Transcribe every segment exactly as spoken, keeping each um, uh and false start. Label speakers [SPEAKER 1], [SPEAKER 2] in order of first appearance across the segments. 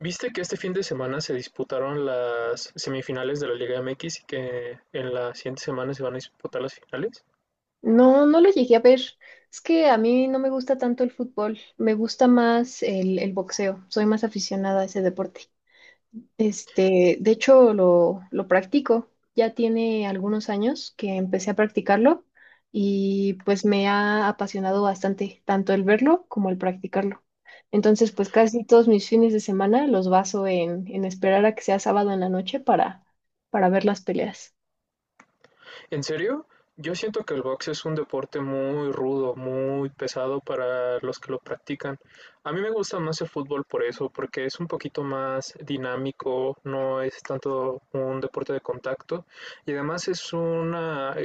[SPEAKER 1] Viste que este fin de semana se disputaron las semifinales de la Liga M X y que en la siguiente semana se van a disputar las finales.
[SPEAKER 2] No, no lo llegué a ver. Es que a mí no me gusta tanto el fútbol, me gusta más el, el boxeo, soy más aficionada a ese deporte. Este, de hecho, lo, lo practico, ya tiene algunos años que empecé a practicarlo y pues me ha apasionado bastante, tanto el verlo como el practicarlo. Entonces, pues casi todos mis fines de semana los baso en, en esperar a que sea sábado en la noche para, para ver las peleas.
[SPEAKER 1] ¿En serio? Yo siento que el box es un deporte muy rudo, muy pesado para los que lo practican. A mí me gusta más el fútbol por eso, porque es un poquito más dinámico, no es tanto un deporte de contacto y además es una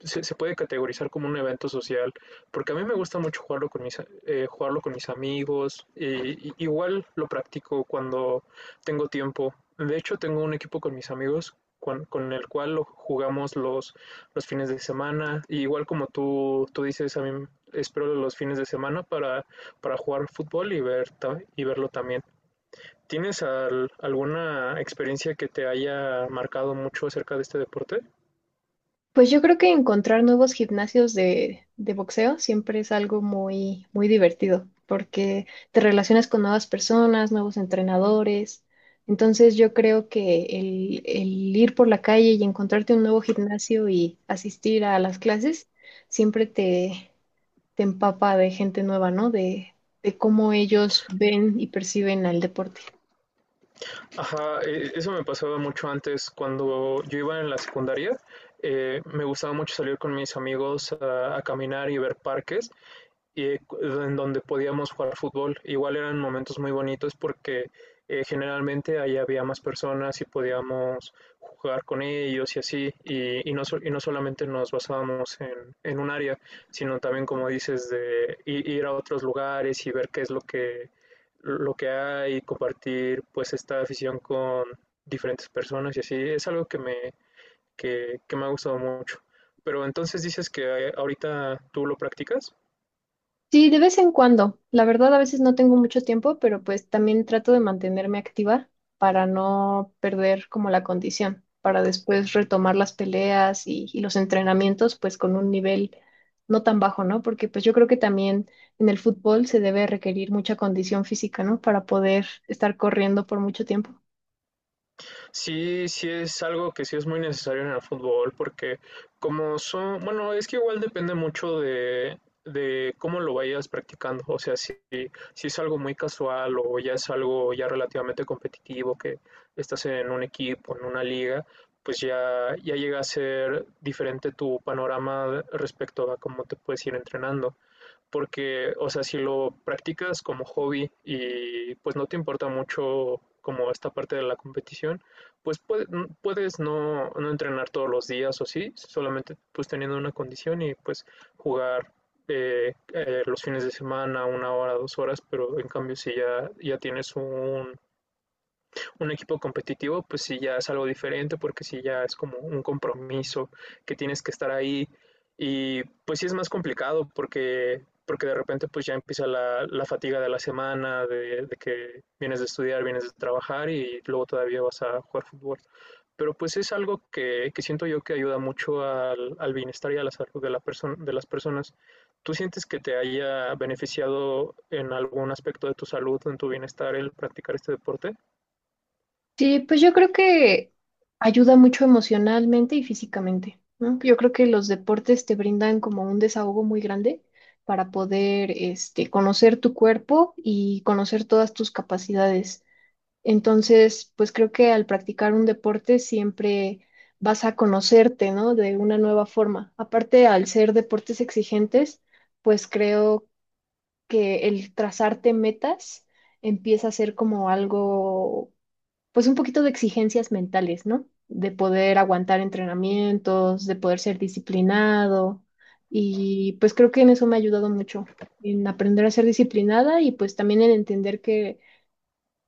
[SPEAKER 1] se, se puede categorizar como un evento social, porque a mí me gusta mucho jugarlo con mis, eh, jugarlo con mis amigos, y, y- igual lo practico cuando tengo tiempo. De hecho, tengo un equipo con mis amigos con, con el cual lo jugamos los, los fines de semana, y igual como tú, tú dices, a mí espero los fines de semana para, para jugar fútbol y, ver, y verlo también. ¿Tienes al- alguna experiencia que te haya marcado mucho acerca de este deporte?
[SPEAKER 2] Pues yo creo que encontrar nuevos gimnasios de, de boxeo siempre es algo muy, muy divertido, porque te relacionas con nuevas personas, nuevos entrenadores. Entonces yo creo que el, el ir por la calle y encontrarte un nuevo gimnasio y asistir a las clases siempre te, te empapa de gente nueva, ¿no? De, de cómo ellos ven y perciben al deporte.
[SPEAKER 1] Ajá, eh, eso me pasaba mucho antes cuando yo iba en la secundaria. Eh, me gustaba mucho salir con mis amigos a, a caminar y ver parques y en donde podíamos jugar fútbol. Igual eran momentos muy bonitos porque eh, generalmente ahí había más personas y podíamos jugar con ellos y así, y, y no, so- y no solamente nos basábamos en, en un área, sino también, como dices, de ir a otros lugares y ver qué es lo que, lo que hay y compartir pues esta afición con diferentes personas y así. Es algo que me, que, que me ha gustado mucho. Pero entonces dices que eh, ahorita tú lo practicas.
[SPEAKER 2] Sí, de vez en cuando. La verdad, a veces no tengo mucho tiempo, pero pues también trato de mantenerme activa para no perder como la condición, para después retomar las peleas y, y los entrenamientos pues con un nivel no tan bajo, ¿no? Porque pues yo creo que también en el fútbol se debe requerir mucha condición física, ¿no? Para poder estar corriendo por mucho tiempo.
[SPEAKER 1] Sí, sí es algo que sí es muy necesario en el fútbol, porque como son, bueno, es que igual depende mucho de, de cómo lo vayas practicando. O sea, si, si es algo muy casual o ya es algo ya relativamente competitivo, que estás en un equipo, en una liga, pues ya, ya llega a ser diferente tu panorama respecto a cómo te puedes ir entrenando porque, o sea, si lo practicas como hobby y pues no te importa mucho como esta parte de la competición, pues puede- puedes no, no entrenar todos los días o sí, solamente pues teniendo una condición y pues jugar eh, eh, los fines de semana, una hora, dos horas, pero en cambio si ya, ya tienes un, un equipo competitivo, pues sí ya es algo diferente porque sí ya es como un compromiso que tienes que estar ahí y pues sí es más complicado porque porque de repente pues ya empieza la, la fatiga de la semana, de, de, que vienes de estudiar, vienes de trabajar y luego todavía vas a jugar fútbol. Pero pues es algo que, que siento yo que ayuda mucho al, al bienestar y a la salud de, la perso- de las personas. ¿Tú sientes que te haya beneficiado en algún aspecto de tu salud, o en tu bienestar el practicar este deporte?
[SPEAKER 2] Sí, pues yo creo que ayuda mucho emocionalmente y físicamente, ¿no? Yo creo que los deportes te brindan como un desahogo muy grande para poder, este, conocer tu cuerpo y conocer todas tus capacidades. Entonces, pues creo que al practicar un deporte siempre vas a conocerte, ¿no? De una nueva forma. Aparte, al ser deportes exigentes, pues creo que el trazarte metas empieza a ser como algo pues un poquito de exigencias mentales, ¿no? De poder aguantar entrenamientos, de poder ser disciplinado. Y pues creo que en eso me ha ayudado mucho, en aprender a ser disciplinada y pues también en entender que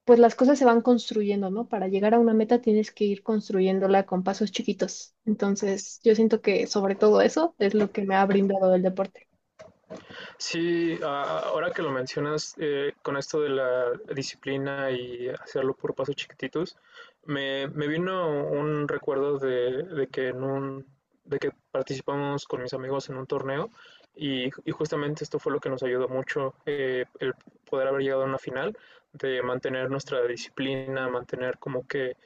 [SPEAKER 2] pues las cosas se van construyendo, ¿no? Para llegar a una meta tienes que ir construyéndola con pasos chiquitos. Entonces, yo siento que sobre todo eso es lo que me ha brindado el deporte.
[SPEAKER 1] Sí, a- ahora que lo mencionas, eh, con esto de la disciplina y hacerlo por pasos chiquititos, me, me vino un recuerdo de, de que en un, de que participamos con mis amigos en un torneo y, y justamente esto fue lo que nos ayudó mucho, eh, el poder haber llegado a una final, de mantener nuestra disciplina, mantener como que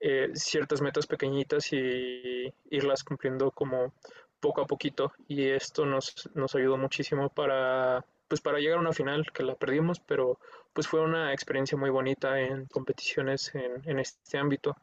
[SPEAKER 1] eh, ciertas metas pequeñitas y irlas cumpliendo como poco a poquito y esto nos, nos ayudó muchísimo para, pues para llegar a una final que la perdimos, pero pues fue una experiencia muy bonita en competiciones en, en este ámbito.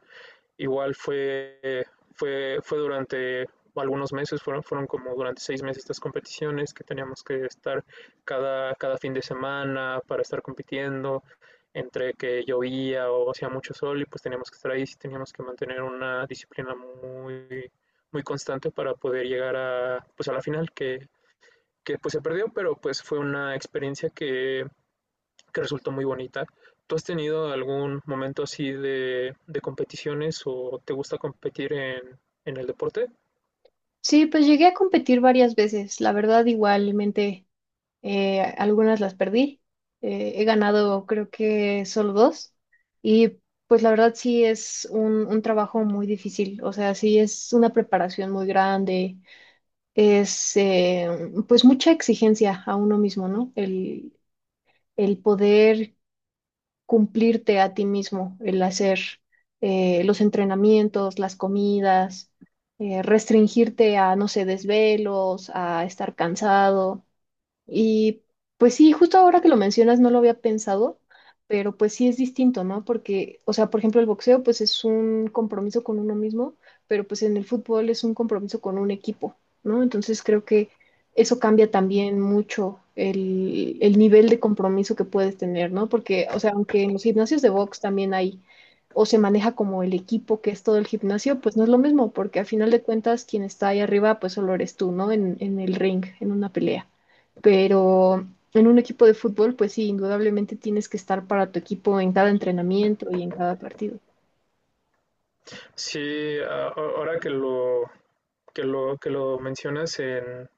[SPEAKER 1] Igual fue, fue, fue durante algunos meses, fueron, fueron como durante seis meses estas competiciones que teníamos que estar cada, cada fin de semana para estar compitiendo, entre que llovía o hacía mucho sol y pues teníamos que estar ahí, sí teníamos que mantener una disciplina muy, muy constante para poder llegar a, pues a la final, que que pues se perdió, pero pues fue una experiencia que, que resultó muy bonita. ¿Tú has tenido algún momento así de, de competiciones o te gusta competir en, en el deporte?
[SPEAKER 2] Sí, pues llegué a competir varias veces, la verdad igualmente eh, algunas las perdí. Eh, he ganado creo que solo dos. Y pues la verdad sí es un, un trabajo muy difícil. O sea, sí es una preparación muy grande. Es eh, pues mucha exigencia a uno mismo, ¿no? El, el poder cumplirte a ti mismo, el hacer eh, los entrenamientos, las comidas, eh, restringirte a, no sé, desvelos, a estar cansado. Y pues sí, justo ahora que lo mencionas no lo había pensado, pero pues sí es distinto, ¿no? Porque, o sea, por ejemplo, el boxeo pues es un compromiso con uno mismo, pero pues en el fútbol es un compromiso con un equipo, ¿no? Entonces creo que eso cambia también mucho el, el nivel de compromiso que puedes tener, ¿no? Porque, o sea, aunque en los gimnasios de box también hay, o se maneja como el equipo que es todo el gimnasio, pues no es lo mismo, porque a final de cuentas quien está ahí arriba pues solo eres tú, ¿no? En, en el ring, en una pelea, pero en un equipo de fútbol, pues sí, indudablemente tienes que estar para tu equipo en cada entrenamiento y en cada partido.
[SPEAKER 1] Sí, a- ahora que lo, que lo, que lo mencionas en,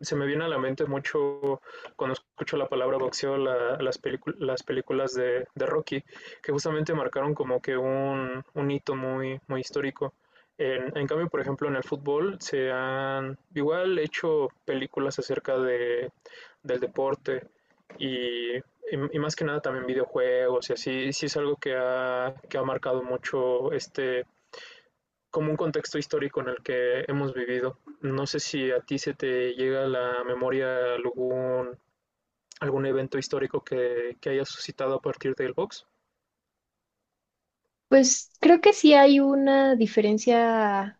[SPEAKER 1] se me viene a la mente mucho cuando escucho la palabra boxeo, la- las, pelicu- las películas de, de Rocky, que justamente marcaron como que un, un hito muy, muy histórico. En, en cambio, por ejemplo, en el fútbol se han igual hecho películas acerca de, del deporte y, y- y más que nada también videojuegos y así, sí es algo que ha, que ha marcado mucho este, como un contexto histórico en el que hemos vivido. No sé si a ti se te llega a la memoria algún, algún evento histórico que, que haya suscitado a partir del box.
[SPEAKER 2] Pues creo que sí hay una diferencia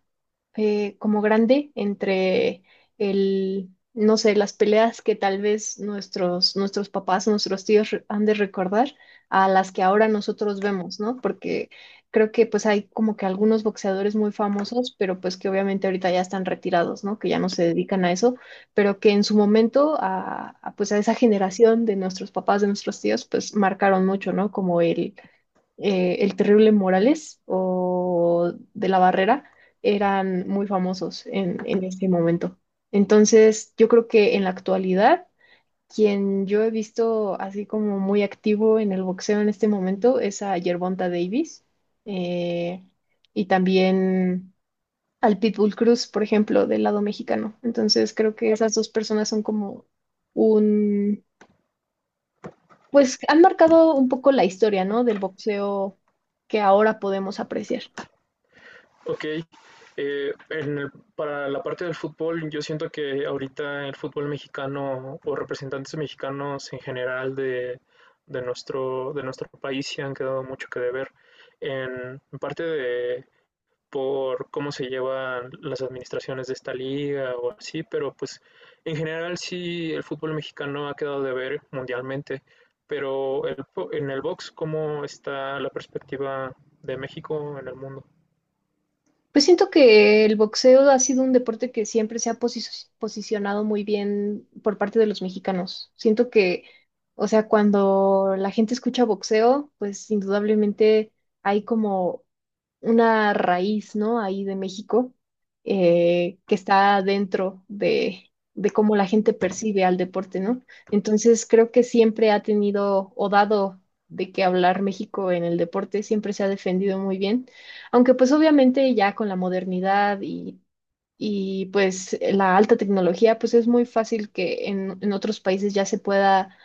[SPEAKER 2] eh, como grande entre el, no sé, las peleas que tal vez nuestros, nuestros papás, nuestros tíos re- han de recordar a las que ahora nosotros vemos, ¿no? Porque creo que pues hay como que algunos boxeadores muy famosos, pero pues que obviamente ahorita ya están retirados, ¿no? Que ya no se dedican a eso, pero que en su momento a, a, pues a esa generación de nuestros papás, de nuestros tíos, pues marcaron mucho, ¿no? Como el eh, el Terrible Morales o de la Barrera eran muy famosos en, en ese momento. Entonces, yo creo que en la actualidad, quien yo he visto así como muy activo en el boxeo en este momento es a Gervonta Davis, eh, y también al Pitbull Cruz, por ejemplo, del lado mexicano. Entonces, creo que esas dos personas son como un pues han marcado un poco la historia, ¿no? Del boxeo que ahora podemos apreciar.
[SPEAKER 1] Ok, eh, en el- para la parte del fútbol, yo siento que ahorita el fútbol mexicano o representantes mexicanos en general de, de nuestro, de nuestro país se han quedado mucho que deber en parte de, por cómo se llevan las administraciones de esta liga o así, pero pues en general sí el fútbol mexicano ha quedado de ver mundialmente, pero el, en el box, ¿cómo está la perspectiva de México en el mundo?
[SPEAKER 2] Pues siento que el boxeo ha sido un deporte que siempre se ha posi- posicionado muy bien por parte de los mexicanos. Siento que, o sea, cuando la gente escucha boxeo, pues indudablemente hay como una raíz, ¿no? Ahí de México, eh, que está dentro de, de cómo la gente percibe al deporte, ¿no? Entonces, creo que siempre ha tenido o dado de qué hablar México en el deporte, siempre se ha defendido muy bien, aunque pues obviamente ya con la modernidad y... Y pues la alta tecnología, pues es muy fácil que en, en otros países ya se pueda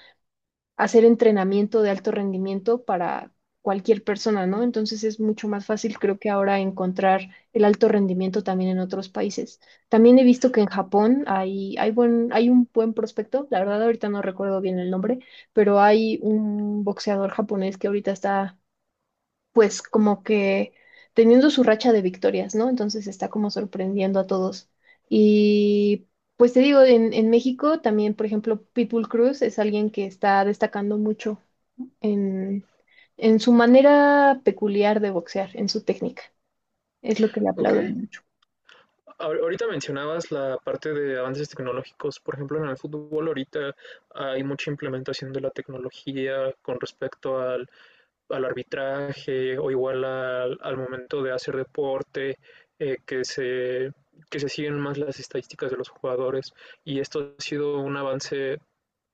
[SPEAKER 2] hacer entrenamiento de alto rendimiento para cualquier persona, ¿no? Entonces es mucho más fácil, creo que ahora encontrar el alto rendimiento también en otros países. También he visto que en Japón hay, hay buen, hay un buen prospecto, la verdad ahorita no recuerdo bien el nombre, pero hay un boxeador japonés que ahorita está pues como que teniendo su racha de victorias, ¿no? Entonces está como sorprendiendo a todos. Y pues te digo, en, en México también, por ejemplo, Pitbull Cruz es alguien que está destacando mucho en, en su manera peculiar de boxear, en su técnica. Es lo que le
[SPEAKER 1] Ok,
[SPEAKER 2] aplauden mucho.
[SPEAKER 1] ahorita mencionabas la parte de avances tecnológicos, por ejemplo en el fútbol ahorita hay mucha implementación de la tecnología con respecto al al arbitraje o igual al, al momento de hacer deporte, eh, que, se, que se siguen más las estadísticas de los jugadores y esto ha sido un avance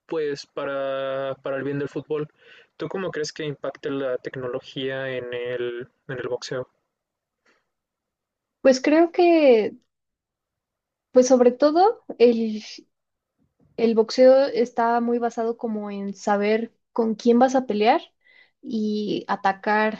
[SPEAKER 1] pues para, para el bien del fútbol. ¿Tú cómo crees que impacte la tecnología en el, en el boxeo?
[SPEAKER 2] Pues creo que, pues sobre todo, el, el boxeo está muy basado como en saber con quién vas a pelear y atacar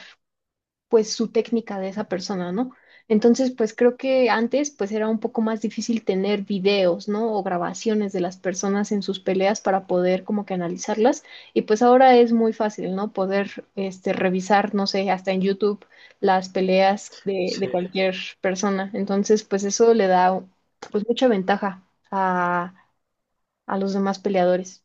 [SPEAKER 2] pues su técnica de esa persona, ¿no? Entonces, pues creo que antes pues era un poco más difícil tener videos, ¿no? O grabaciones de las personas en sus peleas para poder como que analizarlas y pues ahora es muy fácil, ¿no? Poder este revisar, no sé, hasta en YouTube las peleas de, de
[SPEAKER 1] Sí,
[SPEAKER 2] cualquier persona. Entonces, pues eso le da pues mucha ventaja a, a los demás peleadores.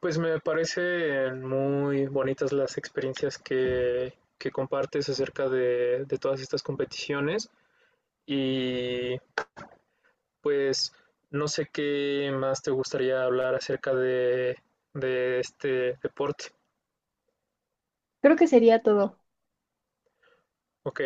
[SPEAKER 1] pues me parecen muy bonitas las experiencias que, que compartes acerca de, de todas estas competiciones y Pues no sé qué más te gustaría hablar acerca de, de este deporte.
[SPEAKER 2] Creo que sería todo.
[SPEAKER 1] Ok,